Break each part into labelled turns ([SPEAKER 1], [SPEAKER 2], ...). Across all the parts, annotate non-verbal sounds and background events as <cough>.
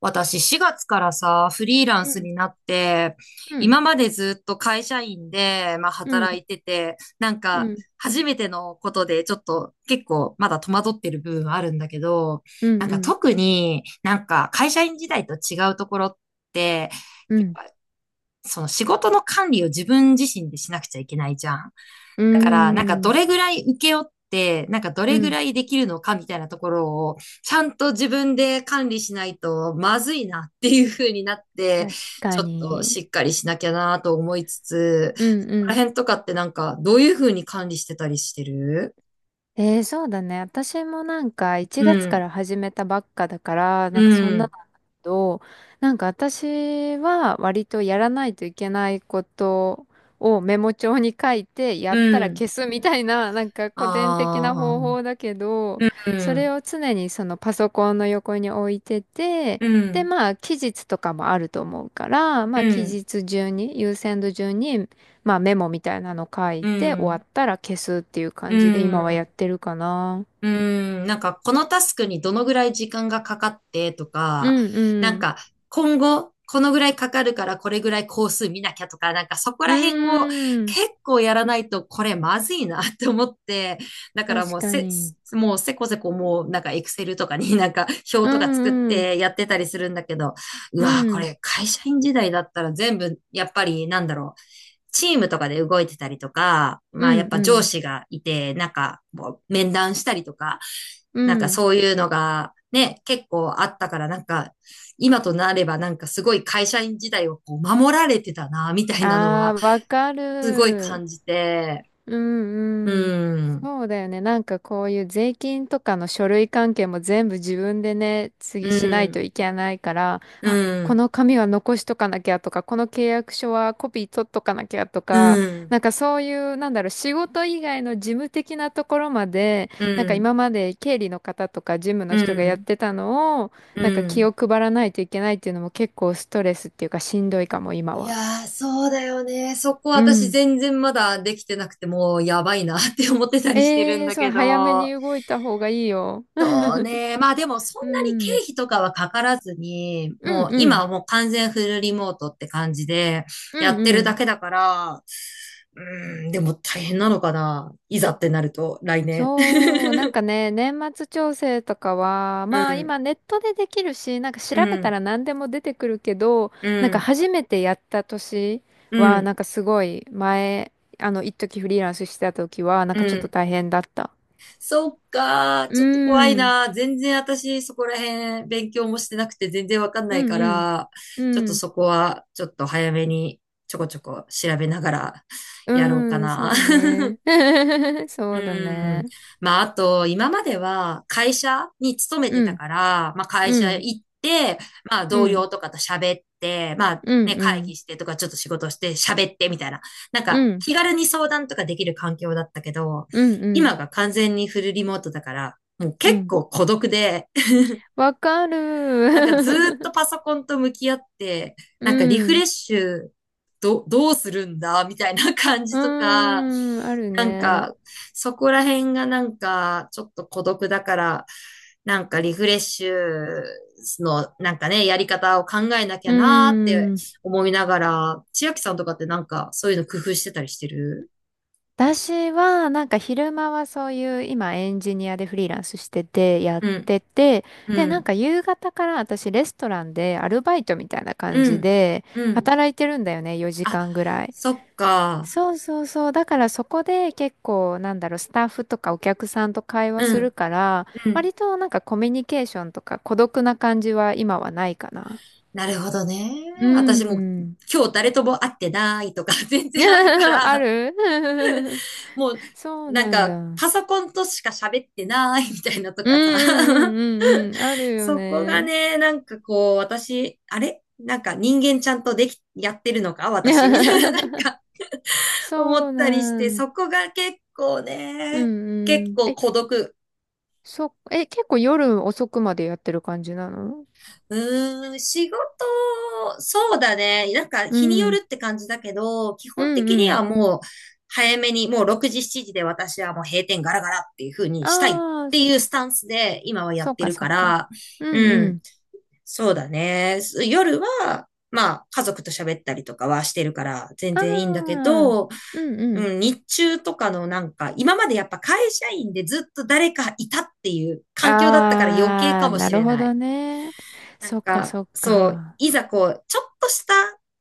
[SPEAKER 1] 私4月からさ、フリーラン
[SPEAKER 2] う
[SPEAKER 1] ス
[SPEAKER 2] ん、
[SPEAKER 1] になって、
[SPEAKER 2] うん、
[SPEAKER 1] 今までずっと会社員で、まあ
[SPEAKER 2] うん、
[SPEAKER 1] 働いてて、なん
[SPEAKER 2] う
[SPEAKER 1] か
[SPEAKER 2] ん、
[SPEAKER 1] 初めてのことでちょっと結構まだ戸惑ってる部分はあるんだけど、
[SPEAKER 2] う
[SPEAKER 1] なん
[SPEAKER 2] ん、う
[SPEAKER 1] か
[SPEAKER 2] ん、
[SPEAKER 1] 特になんか会社員時代と違うところって、
[SPEAKER 2] うん、
[SPEAKER 1] その仕事の管理を自分自身でしなくちゃいけないじゃん。
[SPEAKER 2] う
[SPEAKER 1] だから、なんかど
[SPEAKER 2] ん、
[SPEAKER 1] れぐらい請け負って、なんかど
[SPEAKER 2] う
[SPEAKER 1] れぐ
[SPEAKER 2] ん
[SPEAKER 1] らいできるのかみたいなところを、ちゃんと自分で管理しないとまずいなっていう風になって、
[SPEAKER 2] 確
[SPEAKER 1] ち
[SPEAKER 2] か
[SPEAKER 1] ょっとし
[SPEAKER 2] に。
[SPEAKER 1] っかりしなきゃなと思いつつ、そ
[SPEAKER 2] うん、う
[SPEAKER 1] こら
[SPEAKER 2] ん、
[SPEAKER 1] 辺とかってなんかどういう風に管理してたりしてる？
[SPEAKER 2] そうだね。私も1
[SPEAKER 1] う
[SPEAKER 2] 月か
[SPEAKER 1] ん、
[SPEAKER 2] ら始めたばっかだから、
[SPEAKER 1] う
[SPEAKER 2] なんかそんなの
[SPEAKER 1] ん、
[SPEAKER 2] だけど、なんか私は割とやらないといけないことをメモ帳に書いて、や
[SPEAKER 1] う
[SPEAKER 2] ったら
[SPEAKER 1] ん。
[SPEAKER 2] 消すみたいな、なんか古典的な方法
[SPEAKER 1] あ
[SPEAKER 2] だけど、
[SPEAKER 1] あ、う
[SPEAKER 2] それ
[SPEAKER 1] ん、
[SPEAKER 2] を常にそのパソコンの横に置いてて、
[SPEAKER 1] う
[SPEAKER 2] で、
[SPEAKER 1] ん、
[SPEAKER 2] まあ期日とかもあると思うから、まあ
[SPEAKER 1] う
[SPEAKER 2] 期
[SPEAKER 1] ん、
[SPEAKER 2] 日順に、優先度順にまあメモみたいなの書い
[SPEAKER 1] う
[SPEAKER 2] て終わ
[SPEAKER 1] ん、
[SPEAKER 2] ったら消すっていう
[SPEAKER 1] う
[SPEAKER 2] 感じで今はや
[SPEAKER 1] ん。
[SPEAKER 2] ってるかな。
[SPEAKER 1] うーん、なんかこのタスクにどのぐらい時間がかかってと
[SPEAKER 2] う
[SPEAKER 1] か、
[SPEAKER 2] んう
[SPEAKER 1] なん
[SPEAKER 2] ん。
[SPEAKER 1] か今後このぐらいかかるからこれぐらい工数見なきゃとか、なんかそこ
[SPEAKER 2] う
[SPEAKER 1] ら辺を
[SPEAKER 2] ーん。
[SPEAKER 1] 結構やらないとこれまずいなって思って、だから
[SPEAKER 2] 確かに。
[SPEAKER 1] もうせこせこもうなんかエクセルとかになんか
[SPEAKER 2] う
[SPEAKER 1] 表とか作っ
[SPEAKER 2] んうん。
[SPEAKER 1] てやってたりするんだけど、う
[SPEAKER 2] う
[SPEAKER 1] わーこ
[SPEAKER 2] ん。
[SPEAKER 1] れ会社員時代だったら全部やっぱりなんだろう。チームとかで動いてたりとか、
[SPEAKER 2] う
[SPEAKER 1] まあやっ
[SPEAKER 2] んう
[SPEAKER 1] ぱ上
[SPEAKER 2] ん。
[SPEAKER 1] 司がいて、なんかもう面談したりとか、
[SPEAKER 2] う
[SPEAKER 1] なんか
[SPEAKER 2] ん。
[SPEAKER 1] そういうのがね、結構あったからなんか、今となればなんかすごい会社員時代をこう守られてたな、みたいなのは
[SPEAKER 2] ああ、わか
[SPEAKER 1] すごい
[SPEAKER 2] る。
[SPEAKER 1] 感じて、
[SPEAKER 2] う
[SPEAKER 1] う
[SPEAKER 2] んうん。
[SPEAKER 1] ん、
[SPEAKER 2] そうだよね。なんかこういう税金とかの書類関係も全部自分でね、次
[SPEAKER 1] う
[SPEAKER 2] しないと
[SPEAKER 1] ん、
[SPEAKER 2] いけないから、
[SPEAKER 1] う
[SPEAKER 2] あ、こ
[SPEAKER 1] ん、
[SPEAKER 2] の紙は残しとかなきゃとか、この契約書はコピー取っとかなきゃと
[SPEAKER 1] う
[SPEAKER 2] か、
[SPEAKER 1] ん、
[SPEAKER 2] なんかそういう、なんだろう、仕事以外の事務的なところまで、
[SPEAKER 1] う
[SPEAKER 2] なんか
[SPEAKER 1] ん、
[SPEAKER 2] 今まで経理の方とか事務の
[SPEAKER 1] う
[SPEAKER 2] 人がやっ
[SPEAKER 1] ん、
[SPEAKER 2] てたのを、
[SPEAKER 1] う
[SPEAKER 2] なんか気
[SPEAKER 1] ん。
[SPEAKER 2] を配らないといけないっていうのも結構ストレスっていうかしんどいかも、今
[SPEAKER 1] い
[SPEAKER 2] は。
[SPEAKER 1] やー、そうだよね。そこ
[SPEAKER 2] う
[SPEAKER 1] 私
[SPEAKER 2] ん。
[SPEAKER 1] 全然まだできてなくてもうやばいなって思ってたりしてるん
[SPEAKER 2] ええー、
[SPEAKER 1] だ
[SPEAKER 2] そ
[SPEAKER 1] け
[SPEAKER 2] う、早め
[SPEAKER 1] ど。
[SPEAKER 2] に動いた方がいいよ。
[SPEAKER 1] そうね。まあでもそ
[SPEAKER 2] う
[SPEAKER 1] んなに経
[SPEAKER 2] ん、
[SPEAKER 1] 費とかはかからずに、
[SPEAKER 2] うん
[SPEAKER 1] もう
[SPEAKER 2] う
[SPEAKER 1] 今は
[SPEAKER 2] ん、
[SPEAKER 1] もう完全フルリモートって感じで
[SPEAKER 2] う
[SPEAKER 1] や
[SPEAKER 2] ん
[SPEAKER 1] って
[SPEAKER 2] う
[SPEAKER 1] るだ
[SPEAKER 2] ん。
[SPEAKER 1] けだから、うーん、でも大変なのかな。いざってなると、来年。
[SPEAKER 2] そう、なん
[SPEAKER 1] <laughs>
[SPEAKER 2] かね、年末調整とかは、
[SPEAKER 1] う
[SPEAKER 2] まあ
[SPEAKER 1] ん、
[SPEAKER 2] 今ネットでできるし、なんか調
[SPEAKER 1] う
[SPEAKER 2] べた
[SPEAKER 1] ん、
[SPEAKER 2] ら何でも出てくるけど、
[SPEAKER 1] う
[SPEAKER 2] なんか
[SPEAKER 1] ん、
[SPEAKER 2] 初めてやった年
[SPEAKER 1] う
[SPEAKER 2] は、
[SPEAKER 1] ん、
[SPEAKER 2] なんかすごい前、あの、一時フリーランスしてた時は、なん
[SPEAKER 1] う
[SPEAKER 2] かちょっと
[SPEAKER 1] ん。
[SPEAKER 2] 大変だった。
[SPEAKER 1] そっか、
[SPEAKER 2] う
[SPEAKER 1] ちょっと怖い
[SPEAKER 2] ーん、
[SPEAKER 1] な。全然私そこら辺勉強もしてなくて全然わかん
[SPEAKER 2] う
[SPEAKER 1] ない
[SPEAKER 2] ん
[SPEAKER 1] か
[SPEAKER 2] うん、
[SPEAKER 1] ら、ちょっ
[SPEAKER 2] う
[SPEAKER 1] と
[SPEAKER 2] ん、
[SPEAKER 1] そこはちょっと早めにちょこちょこ調べながら
[SPEAKER 2] う
[SPEAKER 1] やろうか
[SPEAKER 2] ーん、
[SPEAKER 1] な。
[SPEAKER 2] そうね。
[SPEAKER 1] <laughs>
[SPEAKER 2] <laughs> そ
[SPEAKER 1] う
[SPEAKER 2] うだ
[SPEAKER 1] ん。
[SPEAKER 2] ね。
[SPEAKER 1] まあ、あと、今までは会社に勤めて
[SPEAKER 2] う
[SPEAKER 1] た
[SPEAKER 2] ん、
[SPEAKER 1] から、まあ、会
[SPEAKER 2] う
[SPEAKER 1] 社
[SPEAKER 2] ん、
[SPEAKER 1] 行って、まあ、
[SPEAKER 2] う
[SPEAKER 1] 同
[SPEAKER 2] ん、
[SPEAKER 1] 僚とかと喋って、まあ、
[SPEAKER 2] うん、
[SPEAKER 1] ね、
[SPEAKER 2] う
[SPEAKER 1] 会
[SPEAKER 2] ん、
[SPEAKER 1] 議してとか、ちょっと仕事して喋ってみたいな。なん
[SPEAKER 2] う
[SPEAKER 1] か、
[SPEAKER 2] ん、
[SPEAKER 1] 気軽に相談とかできる環境だったけど、
[SPEAKER 2] うん、うん、
[SPEAKER 1] 今が完全にフルリモートだから、もう
[SPEAKER 2] う
[SPEAKER 1] 結
[SPEAKER 2] ん
[SPEAKER 1] 構孤独で、
[SPEAKER 2] わかる。
[SPEAKER 1] なんかずーっと
[SPEAKER 2] <laughs>
[SPEAKER 1] パソコンと向き合って、
[SPEAKER 2] う
[SPEAKER 1] なんかリフレ
[SPEAKER 2] ん。
[SPEAKER 1] ッシュどうするんだみたいな感
[SPEAKER 2] う
[SPEAKER 1] じ
[SPEAKER 2] ー
[SPEAKER 1] とか、
[SPEAKER 2] ん。ある
[SPEAKER 1] なん
[SPEAKER 2] ね。
[SPEAKER 1] かそこら辺がなんかちょっと孤独だから、なんかリフレッシュのなんかね、やり方を考えなき
[SPEAKER 2] う
[SPEAKER 1] ゃなーって
[SPEAKER 2] ーん。
[SPEAKER 1] 思いながら、千秋さんとかってなんかそういうの工夫してたりしてる？
[SPEAKER 2] 私は、なんか昼間はそういう、今エンジニアでフリーランスしてて、やっ
[SPEAKER 1] うん、
[SPEAKER 2] てて、で、
[SPEAKER 1] う
[SPEAKER 2] なん
[SPEAKER 1] ん、
[SPEAKER 2] か夕方から私レストランでアルバイトみたいな感
[SPEAKER 1] う
[SPEAKER 2] じ
[SPEAKER 1] ん、
[SPEAKER 2] で、
[SPEAKER 1] うん。
[SPEAKER 2] 働いてるんだよね、4
[SPEAKER 1] あ、
[SPEAKER 2] 時間ぐらい。
[SPEAKER 1] そっか。
[SPEAKER 2] そうそうそう。だからそこで結構、なんだろう、スタッフとかお客さんと会話
[SPEAKER 1] う
[SPEAKER 2] する
[SPEAKER 1] ん、
[SPEAKER 2] から、
[SPEAKER 1] うん。
[SPEAKER 2] 割となんかコミュニケーションとか孤独な感じは今はないかな。
[SPEAKER 1] なるほどね。
[SPEAKER 2] うー
[SPEAKER 1] 私も
[SPEAKER 2] ん。
[SPEAKER 1] 今日誰とも会ってないとか <laughs> 全然あるか
[SPEAKER 2] <laughs> あ
[SPEAKER 1] ら、
[SPEAKER 2] る。
[SPEAKER 1] もう
[SPEAKER 2] <laughs> そう
[SPEAKER 1] なん
[SPEAKER 2] なんだ。
[SPEAKER 1] か
[SPEAKER 2] うん
[SPEAKER 1] パソコンとしか喋ってないみたいなと
[SPEAKER 2] う
[SPEAKER 1] かさ。
[SPEAKER 2] んうん
[SPEAKER 1] <laughs>
[SPEAKER 2] うんうん。あるよ
[SPEAKER 1] そこが
[SPEAKER 2] ね。
[SPEAKER 1] ね、なんかこう私、あれなんか人間ちゃんとやってるのか私みたいななん
[SPEAKER 2] <laughs>
[SPEAKER 1] か思
[SPEAKER 2] そ
[SPEAKER 1] っ
[SPEAKER 2] う
[SPEAKER 1] たりし
[SPEAKER 2] な
[SPEAKER 1] て、
[SPEAKER 2] ん。
[SPEAKER 1] そこが結構
[SPEAKER 2] う
[SPEAKER 1] ね、
[SPEAKER 2] ん
[SPEAKER 1] 結
[SPEAKER 2] うん。
[SPEAKER 1] 構
[SPEAKER 2] え、
[SPEAKER 1] 孤独。
[SPEAKER 2] そ、え、結構夜遅くまでやってる感じなの？
[SPEAKER 1] うーん、仕事、そうだね。なんか
[SPEAKER 2] う
[SPEAKER 1] 日によ
[SPEAKER 2] ん。
[SPEAKER 1] るって感じだけど、基
[SPEAKER 2] う
[SPEAKER 1] 本
[SPEAKER 2] ん
[SPEAKER 1] 的に
[SPEAKER 2] う
[SPEAKER 1] は
[SPEAKER 2] ん。
[SPEAKER 1] もう早めに、もう6時、7時で私はもう閉店ガラガラっていう風にしたいっ
[SPEAKER 2] ああ、
[SPEAKER 1] ていうスタンスで今はや
[SPEAKER 2] そ
[SPEAKER 1] っ
[SPEAKER 2] っ
[SPEAKER 1] て
[SPEAKER 2] か
[SPEAKER 1] る
[SPEAKER 2] そ
[SPEAKER 1] か
[SPEAKER 2] っか。
[SPEAKER 1] ら、
[SPEAKER 2] うん
[SPEAKER 1] う
[SPEAKER 2] う
[SPEAKER 1] ん、
[SPEAKER 2] ん。
[SPEAKER 1] そうだね。夜は、まあ家族と喋ったりとかはしてるから全
[SPEAKER 2] あ
[SPEAKER 1] 然いいんだけ
[SPEAKER 2] あ、
[SPEAKER 1] ど、
[SPEAKER 2] うんうん。
[SPEAKER 1] うん、日中とかのなんか、今までやっぱ会社員でずっと誰かいたっていう環境だったから余計
[SPEAKER 2] あ
[SPEAKER 1] か
[SPEAKER 2] あ、
[SPEAKER 1] も
[SPEAKER 2] な
[SPEAKER 1] し
[SPEAKER 2] る
[SPEAKER 1] れ
[SPEAKER 2] ほ
[SPEAKER 1] な
[SPEAKER 2] ど
[SPEAKER 1] い。
[SPEAKER 2] ね。
[SPEAKER 1] なん
[SPEAKER 2] そっか
[SPEAKER 1] か、
[SPEAKER 2] そっ
[SPEAKER 1] そう、
[SPEAKER 2] か。
[SPEAKER 1] いざこう、ちょっとした、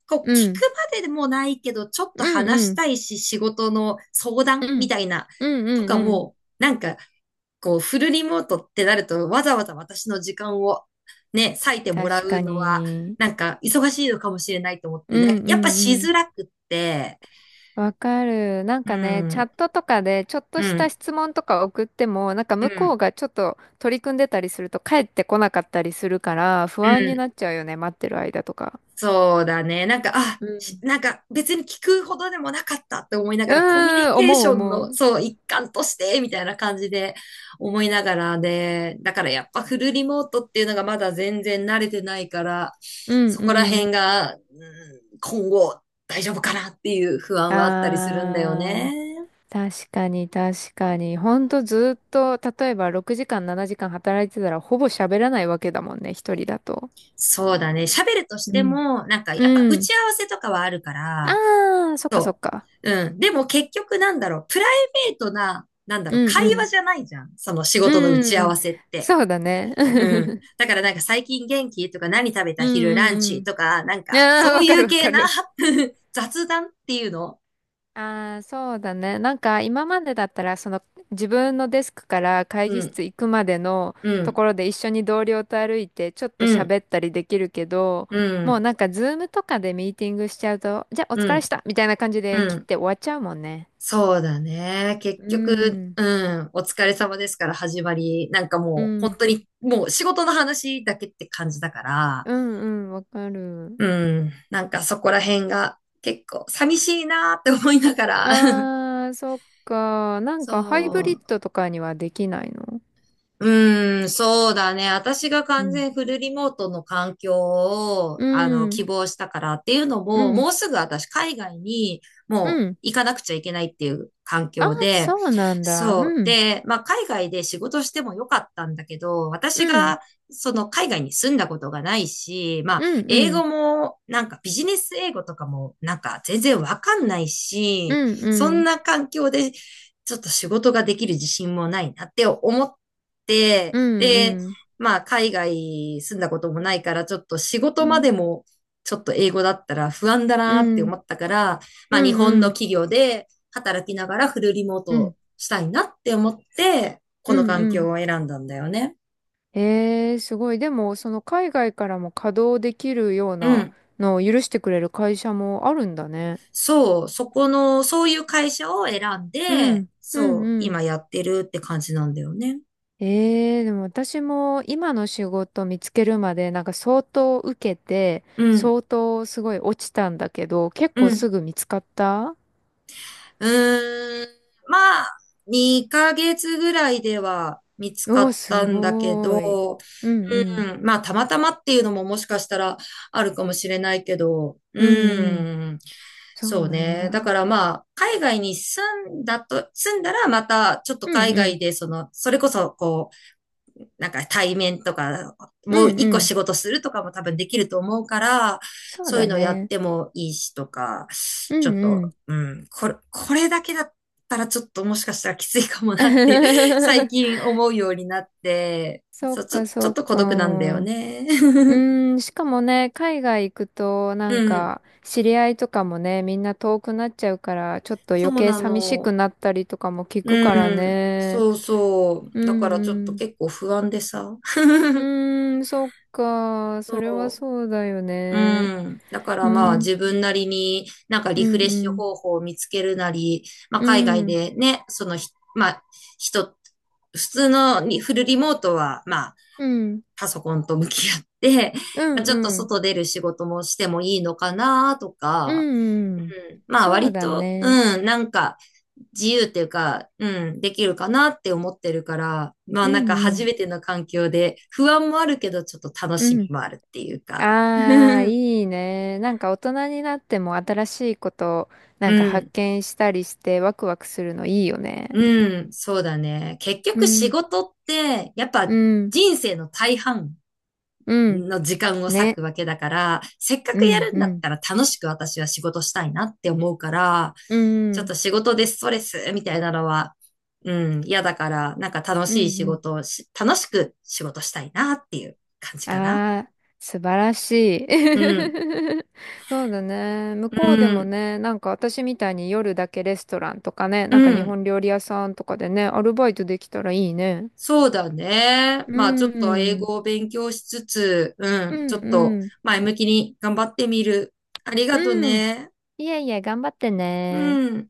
[SPEAKER 1] こう、聞く
[SPEAKER 2] うん。
[SPEAKER 1] まででもないけど、ちょっと
[SPEAKER 2] う
[SPEAKER 1] 話し
[SPEAKER 2] ん
[SPEAKER 1] たいし、仕事の相
[SPEAKER 2] う
[SPEAKER 1] 談み
[SPEAKER 2] ん。
[SPEAKER 1] たいな、
[SPEAKER 2] うん
[SPEAKER 1] と
[SPEAKER 2] うん
[SPEAKER 1] か
[SPEAKER 2] うん。
[SPEAKER 1] も、なんか、こう、フルリモートってなると、わざわざ私の時間をね、割いてもら
[SPEAKER 2] 確
[SPEAKER 1] う
[SPEAKER 2] か
[SPEAKER 1] のは、
[SPEAKER 2] に。
[SPEAKER 1] なんか、忙しいのかもしれないと思っ
[SPEAKER 2] う
[SPEAKER 1] て、なん
[SPEAKER 2] ん
[SPEAKER 1] か
[SPEAKER 2] う
[SPEAKER 1] やっぱ
[SPEAKER 2] ん
[SPEAKER 1] し
[SPEAKER 2] うん。
[SPEAKER 1] づらくって、
[SPEAKER 2] わかる。なん
[SPEAKER 1] う
[SPEAKER 2] かね、チャッ
[SPEAKER 1] ん、
[SPEAKER 2] トとかでちょっと
[SPEAKER 1] う
[SPEAKER 2] した
[SPEAKER 1] ん、
[SPEAKER 2] 質問とか送っても、なんか
[SPEAKER 1] う
[SPEAKER 2] 向こ
[SPEAKER 1] ん、
[SPEAKER 2] うがちょっと取り組んでたりすると帰ってこなかったりするから不
[SPEAKER 1] う
[SPEAKER 2] 安に
[SPEAKER 1] ん、
[SPEAKER 2] なっちゃうよね、待ってる間とか。
[SPEAKER 1] そうだね。なんか、あ、
[SPEAKER 2] うん。
[SPEAKER 1] なんか別に聞くほどでもなかったって思いな
[SPEAKER 2] う
[SPEAKER 1] がら、コミュニ
[SPEAKER 2] ーん、
[SPEAKER 1] ケー
[SPEAKER 2] 思う
[SPEAKER 1] ション
[SPEAKER 2] 思
[SPEAKER 1] の、
[SPEAKER 2] う。
[SPEAKER 1] そう、一環として、みたいな感じで思いながらで、だからやっぱフルリモートっていうのがまだ全然慣れてないから、
[SPEAKER 2] うん
[SPEAKER 1] そこら
[SPEAKER 2] う
[SPEAKER 1] 辺が、うん今後大丈夫かなっていう不
[SPEAKER 2] ん。
[SPEAKER 1] 安はあったりするんだよ
[SPEAKER 2] あ
[SPEAKER 1] ね。
[SPEAKER 2] ー。確かに確かに。ほんとずっと、例えば6時間7時間働いてたらほぼ喋らないわけだもんね、一人だと。
[SPEAKER 1] そうだね。喋るとし
[SPEAKER 2] う
[SPEAKER 1] て
[SPEAKER 2] ん。
[SPEAKER 1] も、なんかやっぱ
[SPEAKER 2] う
[SPEAKER 1] 打
[SPEAKER 2] ん。
[SPEAKER 1] ち合わせとかはあるから、
[SPEAKER 2] ああ、そっかそ
[SPEAKER 1] そ
[SPEAKER 2] っか。
[SPEAKER 1] う。うん。でも結局なんだろう、プライベートな、なんだ
[SPEAKER 2] う
[SPEAKER 1] ろう、
[SPEAKER 2] ん
[SPEAKER 1] 会
[SPEAKER 2] う
[SPEAKER 1] 話
[SPEAKER 2] ん。
[SPEAKER 1] じゃないじゃん。その仕事の打ち
[SPEAKER 2] う
[SPEAKER 1] 合
[SPEAKER 2] ん。
[SPEAKER 1] わせって。
[SPEAKER 2] そうだね。
[SPEAKER 1] うん。
[SPEAKER 2] <laughs>
[SPEAKER 1] だからなんか最近元気とか何食べ
[SPEAKER 2] う
[SPEAKER 1] た
[SPEAKER 2] ん
[SPEAKER 1] 昼ラン
[SPEAKER 2] う
[SPEAKER 1] チ
[SPEAKER 2] ん
[SPEAKER 1] とか、なん
[SPEAKER 2] うん。
[SPEAKER 1] か
[SPEAKER 2] ああ、
[SPEAKER 1] そう
[SPEAKER 2] わ
[SPEAKER 1] い
[SPEAKER 2] か
[SPEAKER 1] う
[SPEAKER 2] るわ
[SPEAKER 1] 系
[SPEAKER 2] か
[SPEAKER 1] な
[SPEAKER 2] る。
[SPEAKER 1] <laughs> 雑談っていうの。
[SPEAKER 2] ああ、そうだね。なんか今までだったら、その自分のデスクから会
[SPEAKER 1] う
[SPEAKER 2] 議
[SPEAKER 1] ん、
[SPEAKER 2] 室行くまでの
[SPEAKER 1] う
[SPEAKER 2] と
[SPEAKER 1] ん、
[SPEAKER 2] ころで一緒に同僚と歩いてちょっ
[SPEAKER 1] う
[SPEAKER 2] と
[SPEAKER 1] ん、
[SPEAKER 2] 喋ったりできるけど、
[SPEAKER 1] う
[SPEAKER 2] もう
[SPEAKER 1] ん、
[SPEAKER 2] なんかズームとかでミーティングしちゃうと、じゃあお
[SPEAKER 1] う
[SPEAKER 2] 疲れし
[SPEAKER 1] ん、
[SPEAKER 2] たみたいな感じ
[SPEAKER 1] う
[SPEAKER 2] で切っ
[SPEAKER 1] ん。
[SPEAKER 2] て終わっちゃうもんね。
[SPEAKER 1] そうだね。結
[SPEAKER 2] う
[SPEAKER 1] 局、
[SPEAKER 2] ん。
[SPEAKER 1] うん、お疲れ様ですから始まり、なんか
[SPEAKER 2] う
[SPEAKER 1] もう本
[SPEAKER 2] ん。
[SPEAKER 1] 当にもう仕事の話だけって感じだから、
[SPEAKER 2] うんうん、わかる。
[SPEAKER 1] うん。なんかそこら辺が結構寂しいなーって思いながら
[SPEAKER 2] あー、そっか。な
[SPEAKER 1] <laughs>
[SPEAKER 2] んかハイブリッ
[SPEAKER 1] そう、
[SPEAKER 2] ドとかにはできないの？
[SPEAKER 1] うーん、そうだね。私が
[SPEAKER 2] う
[SPEAKER 1] 完
[SPEAKER 2] ん。
[SPEAKER 1] 全フルリモートの環境を、
[SPEAKER 2] うん、
[SPEAKER 1] 希望したからっていうの
[SPEAKER 2] う
[SPEAKER 1] も、
[SPEAKER 2] ん、
[SPEAKER 1] もうすぐ私海外に
[SPEAKER 2] う
[SPEAKER 1] もう
[SPEAKER 2] ん。
[SPEAKER 1] 行かなくちゃいけないっていう環
[SPEAKER 2] あ、
[SPEAKER 1] 境で、
[SPEAKER 2] そうなんだ。
[SPEAKER 1] そう。
[SPEAKER 2] うん、
[SPEAKER 1] で、まあ、海外で仕事してもよかったんだけど、私
[SPEAKER 2] うん、
[SPEAKER 1] がその海外に住んだことがないし、まあ、
[SPEAKER 2] うん、う
[SPEAKER 1] 英語
[SPEAKER 2] ん、
[SPEAKER 1] もなんかビジネス英語とかもなんか全然わかんない
[SPEAKER 2] う
[SPEAKER 1] し、
[SPEAKER 2] ん、
[SPEAKER 1] そ
[SPEAKER 2] う
[SPEAKER 1] ん
[SPEAKER 2] ん、
[SPEAKER 1] な環境でちょっと仕事ができる自信もないなって思っ、で、
[SPEAKER 2] うん、
[SPEAKER 1] まあ、海外住んだこともないから、ちょっと仕
[SPEAKER 2] う
[SPEAKER 1] 事
[SPEAKER 2] ん、う
[SPEAKER 1] ま
[SPEAKER 2] ん、
[SPEAKER 1] でも、ちょっと英語だったら不安だ
[SPEAKER 2] う
[SPEAKER 1] なって思
[SPEAKER 2] ん、
[SPEAKER 1] ったから、まあ、日本
[SPEAKER 2] う
[SPEAKER 1] の
[SPEAKER 2] ん、
[SPEAKER 1] 企業で働きながらフルリモー
[SPEAKER 2] う
[SPEAKER 1] ト
[SPEAKER 2] ん、
[SPEAKER 1] したいなって思って、こ
[SPEAKER 2] う
[SPEAKER 1] の
[SPEAKER 2] ん、
[SPEAKER 1] 環
[SPEAKER 2] うん
[SPEAKER 1] 境を選んだんだよね。
[SPEAKER 2] すごい。でも、その海外からも稼働できるよう
[SPEAKER 1] う
[SPEAKER 2] な
[SPEAKER 1] ん。
[SPEAKER 2] のを許してくれる会社もあるんだね。
[SPEAKER 1] そう、そこの、そういう会社を選ん
[SPEAKER 2] う
[SPEAKER 1] で、
[SPEAKER 2] ん、うん、
[SPEAKER 1] そう、
[SPEAKER 2] うん。
[SPEAKER 1] 今やってるって感じなんだよね。
[SPEAKER 2] ええでも私も今の仕事見つけるまでなんか相当受けて、
[SPEAKER 1] うん、
[SPEAKER 2] 相当すごい落ちたんだけど、結
[SPEAKER 1] う
[SPEAKER 2] 構す
[SPEAKER 1] ん。
[SPEAKER 2] ぐ見つかった？
[SPEAKER 1] うーん、まあ、2ヶ月ぐらいでは見つか
[SPEAKER 2] おー、
[SPEAKER 1] った
[SPEAKER 2] す
[SPEAKER 1] んだけ
[SPEAKER 2] ごーい。
[SPEAKER 1] ど、
[SPEAKER 2] うんう
[SPEAKER 1] う
[SPEAKER 2] ん。
[SPEAKER 1] ん、まあ、たまたまっていうのももしかしたらあるかもしれないけど、う
[SPEAKER 2] うんうん。
[SPEAKER 1] ん、
[SPEAKER 2] そ
[SPEAKER 1] そ
[SPEAKER 2] う
[SPEAKER 1] う
[SPEAKER 2] なん
[SPEAKER 1] ね。だか
[SPEAKER 2] だ。
[SPEAKER 1] らまあ、海外に住んだらまたちょっと
[SPEAKER 2] うん
[SPEAKER 1] 海
[SPEAKER 2] うん。
[SPEAKER 1] 外で、その、それこそなんか対面とか、
[SPEAKER 2] う
[SPEAKER 1] もう
[SPEAKER 2] ん
[SPEAKER 1] 一
[SPEAKER 2] う
[SPEAKER 1] 個
[SPEAKER 2] ん。
[SPEAKER 1] 仕事するとかも多分できると思うから、
[SPEAKER 2] そう
[SPEAKER 1] そういう
[SPEAKER 2] だ
[SPEAKER 1] のやっ
[SPEAKER 2] ね。
[SPEAKER 1] てもいいしとか、
[SPEAKER 2] う
[SPEAKER 1] ちょっ
[SPEAKER 2] んう
[SPEAKER 1] と、
[SPEAKER 2] ん。
[SPEAKER 1] うん、これだけだったらちょっともしかしたらきついかもなって <laughs> 最
[SPEAKER 2] <laughs>
[SPEAKER 1] 近思うようになって、
[SPEAKER 2] そ
[SPEAKER 1] そ
[SPEAKER 2] っ
[SPEAKER 1] う、ちょ、
[SPEAKER 2] か
[SPEAKER 1] ちょ
[SPEAKER 2] そ
[SPEAKER 1] っ
[SPEAKER 2] っ
[SPEAKER 1] と孤独なんだよ
[SPEAKER 2] か。
[SPEAKER 1] ね。
[SPEAKER 2] う
[SPEAKER 1] <laughs>
[SPEAKER 2] ーん、しかもね、海外行くと、な
[SPEAKER 1] う
[SPEAKER 2] ん
[SPEAKER 1] ん、
[SPEAKER 2] か、知り合いとかもね、みんな遠くなっちゃうから、ちょっと
[SPEAKER 1] そ
[SPEAKER 2] 余
[SPEAKER 1] う
[SPEAKER 2] 計
[SPEAKER 1] な
[SPEAKER 2] 寂しく
[SPEAKER 1] の。
[SPEAKER 2] なったりとかも聞く
[SPEAKER 1] う
[SPEAKER 2] から
[SPEAKER 1] ん、
[SPEAKER 2] ね。
[SPEAKER 1] そうそ
[SPEAKER 2] う
[SPEAKER 1] う。だか
[SPEAKER 2] ん
[SPEAKER 1] らちょっ
[SPEAKER 2] う
[SPEAKER 1] と
[SPEAKER 2] ん。
[SPEAKER 1] 結構不安でさ。
[SPEAKER 2] うーん、そっか。それはそうだよ
[SPEAKER 1] う
[SPEAKER 2] ね。
[SPEAKER 1] ん。だから
[SPEAKER 2] う
[SPEAKER 1] まあ
[SPEAKER 2] ん、
[SPEAKER 1] 自分なりになんか
[SPEAKER 2] う
[SPEAKER 1] リフ
[SPEAKER 2] ん、
[SPEAKER 1] レッ
[SPEAKER 2] う
[SPEAKER 1] シュ
[SPEAKER 2] ん、
[SPEAKER 1] 方法を見つけるなり、まあ
[SPEAKER 2] う
[SPEAKER 1] 海外
[SPEAKER 2] ん、
[SPEAKER 1] でね、そのひ、まあ人、普通のリフルリモートはまあ
[SPEAKER 2] うん、
[SPEAKER 1] パソコンと向き合って、<laughs>
[SPEAKER 2] う
[SPEAKER 1] まあ、
[SPEAKER 2] ん、
[SPEAKER 1] ちょっと
[SPEAKER 2] うん、
[SPEAKER 1] 外出る仕事もしてもいいのかなと
[SPEAKER 2] う
[SPEAKER 1] か、
[SPEAKER 2] ん、うん
[SPEAKER 1] うん、まあ
[SPEAKER 2] そう
[SPEAKER 1] 割
[SPEAKER 2] だ
[SPEAKER 1] と、
[SPEAKER 2] ね。
[SPEAKER 1] うん、なんか自由っていうか、うん、できるかなって思ってるから、まあ
[SPEAKER 2] う
[SPEAKER 1] なん
[SPEAKER 2] ん、
[SPEAKER 1] か
[SPEAKER 2] う
[SPEAKER 1] 初
[SPEAKER 2] ん、
[SPEAKER 1] めての環境で不安もあるけどちょっと楽
[SPEAKER 2] う
[SPEAKER 1] しみ
[SPEAKER 2] ん。
[SPEAKER 1] もあるっていうか。
[SPEAKER 2] ああ、い
[SPEAKER 1] <laughs>
[SPEAKER 2] いね。なんか大人になっても新しいことな
[SPEAKER 1] う
[SPEAKER 2] んか発
[SPEAKER 1] ん、
[SPEAKER 2] 見したりしてワクワクするのいいよね。
[SPEAKER 1] うん、そうだね。結
[SPEAKER 2] う
[SPEAKER 1] 局仕
[SPEAKER 2] ん、
[SPEAKER 1] 事って、やっ
[SPEAKER 2] う
[SPEAKER 1] ぱ
[SPEAKER 2] ん、
[SPEAKER 1] 人生の大半
[SPEAKER 2] ねうん、
[SPEAKER 1] の時間を割
[SPEAKER 2] ね。
[SPEAKER 1] くわけだから、せっか
[SPEAKER 2] う
[SPEAKER 1] くや
[SPEAKER 2] ん、
[SPEAKER 1] るん
[SPEAKER 2] う
[SPEAKER 1] だっ
[SPEAKER 2] ん、
[SPEAKER 1] たら楽しく私は仕事したいなって思うから、
[SPEAKER 2] う
[SPEAKER 1] ちょっ
[SPEAKER 2] ん、
[SPEAKER 1] と仕事でストレスみたいなのは、うん、嫌だから、なんか楽
[SPEAKER 2] うん、
[SPEAKER 1] しい仕
[SPEAKER 2] うん。
[SPEAKER 1] 事をし、楽しく仕事したいなっていう感じかな。
[SPEAKER 2] ああ、素晴らしい。
[SPEAKER 1] うん、
[SPEAKER 2] <laughs> そうだね。向
[SPEAKER 1] う
[SPEAKER 2] こうでも
[SPEAKER 1] ん、
[SPEAKER 2] ね、なんか私みたいに夜だけレストランとかね、なんか
[SPEAKER 1] う
[SPEAKER 2] 日
[SPEAKER 1] ん。
[SPEAKER 2] 本料理屋さんとかでね、アルバイトできたらいいね。
[SPEAKER 1] そうだね。
[SPEAKER 2] う
[SPEAKER 1] まあちょ
[SPEAKER 2] ん、
[SPEAKER 1] っと英
[SPEAKER 2] うん、
[SPEAKER 1] 語を勉強しつつ、う
[SPEAKER 2] う
[SPEAKER 1] ん、ちょっと
[SPEAKER 2] ん、
[SPEAKER 1] 前向きに頑張ってみる。ありがと
[SPEAKER 2] うん。
[SPEAKER 1] ね。
[SPEAKER 2] いえいえ、頑張ってね。
[SPEAKER 1] うん。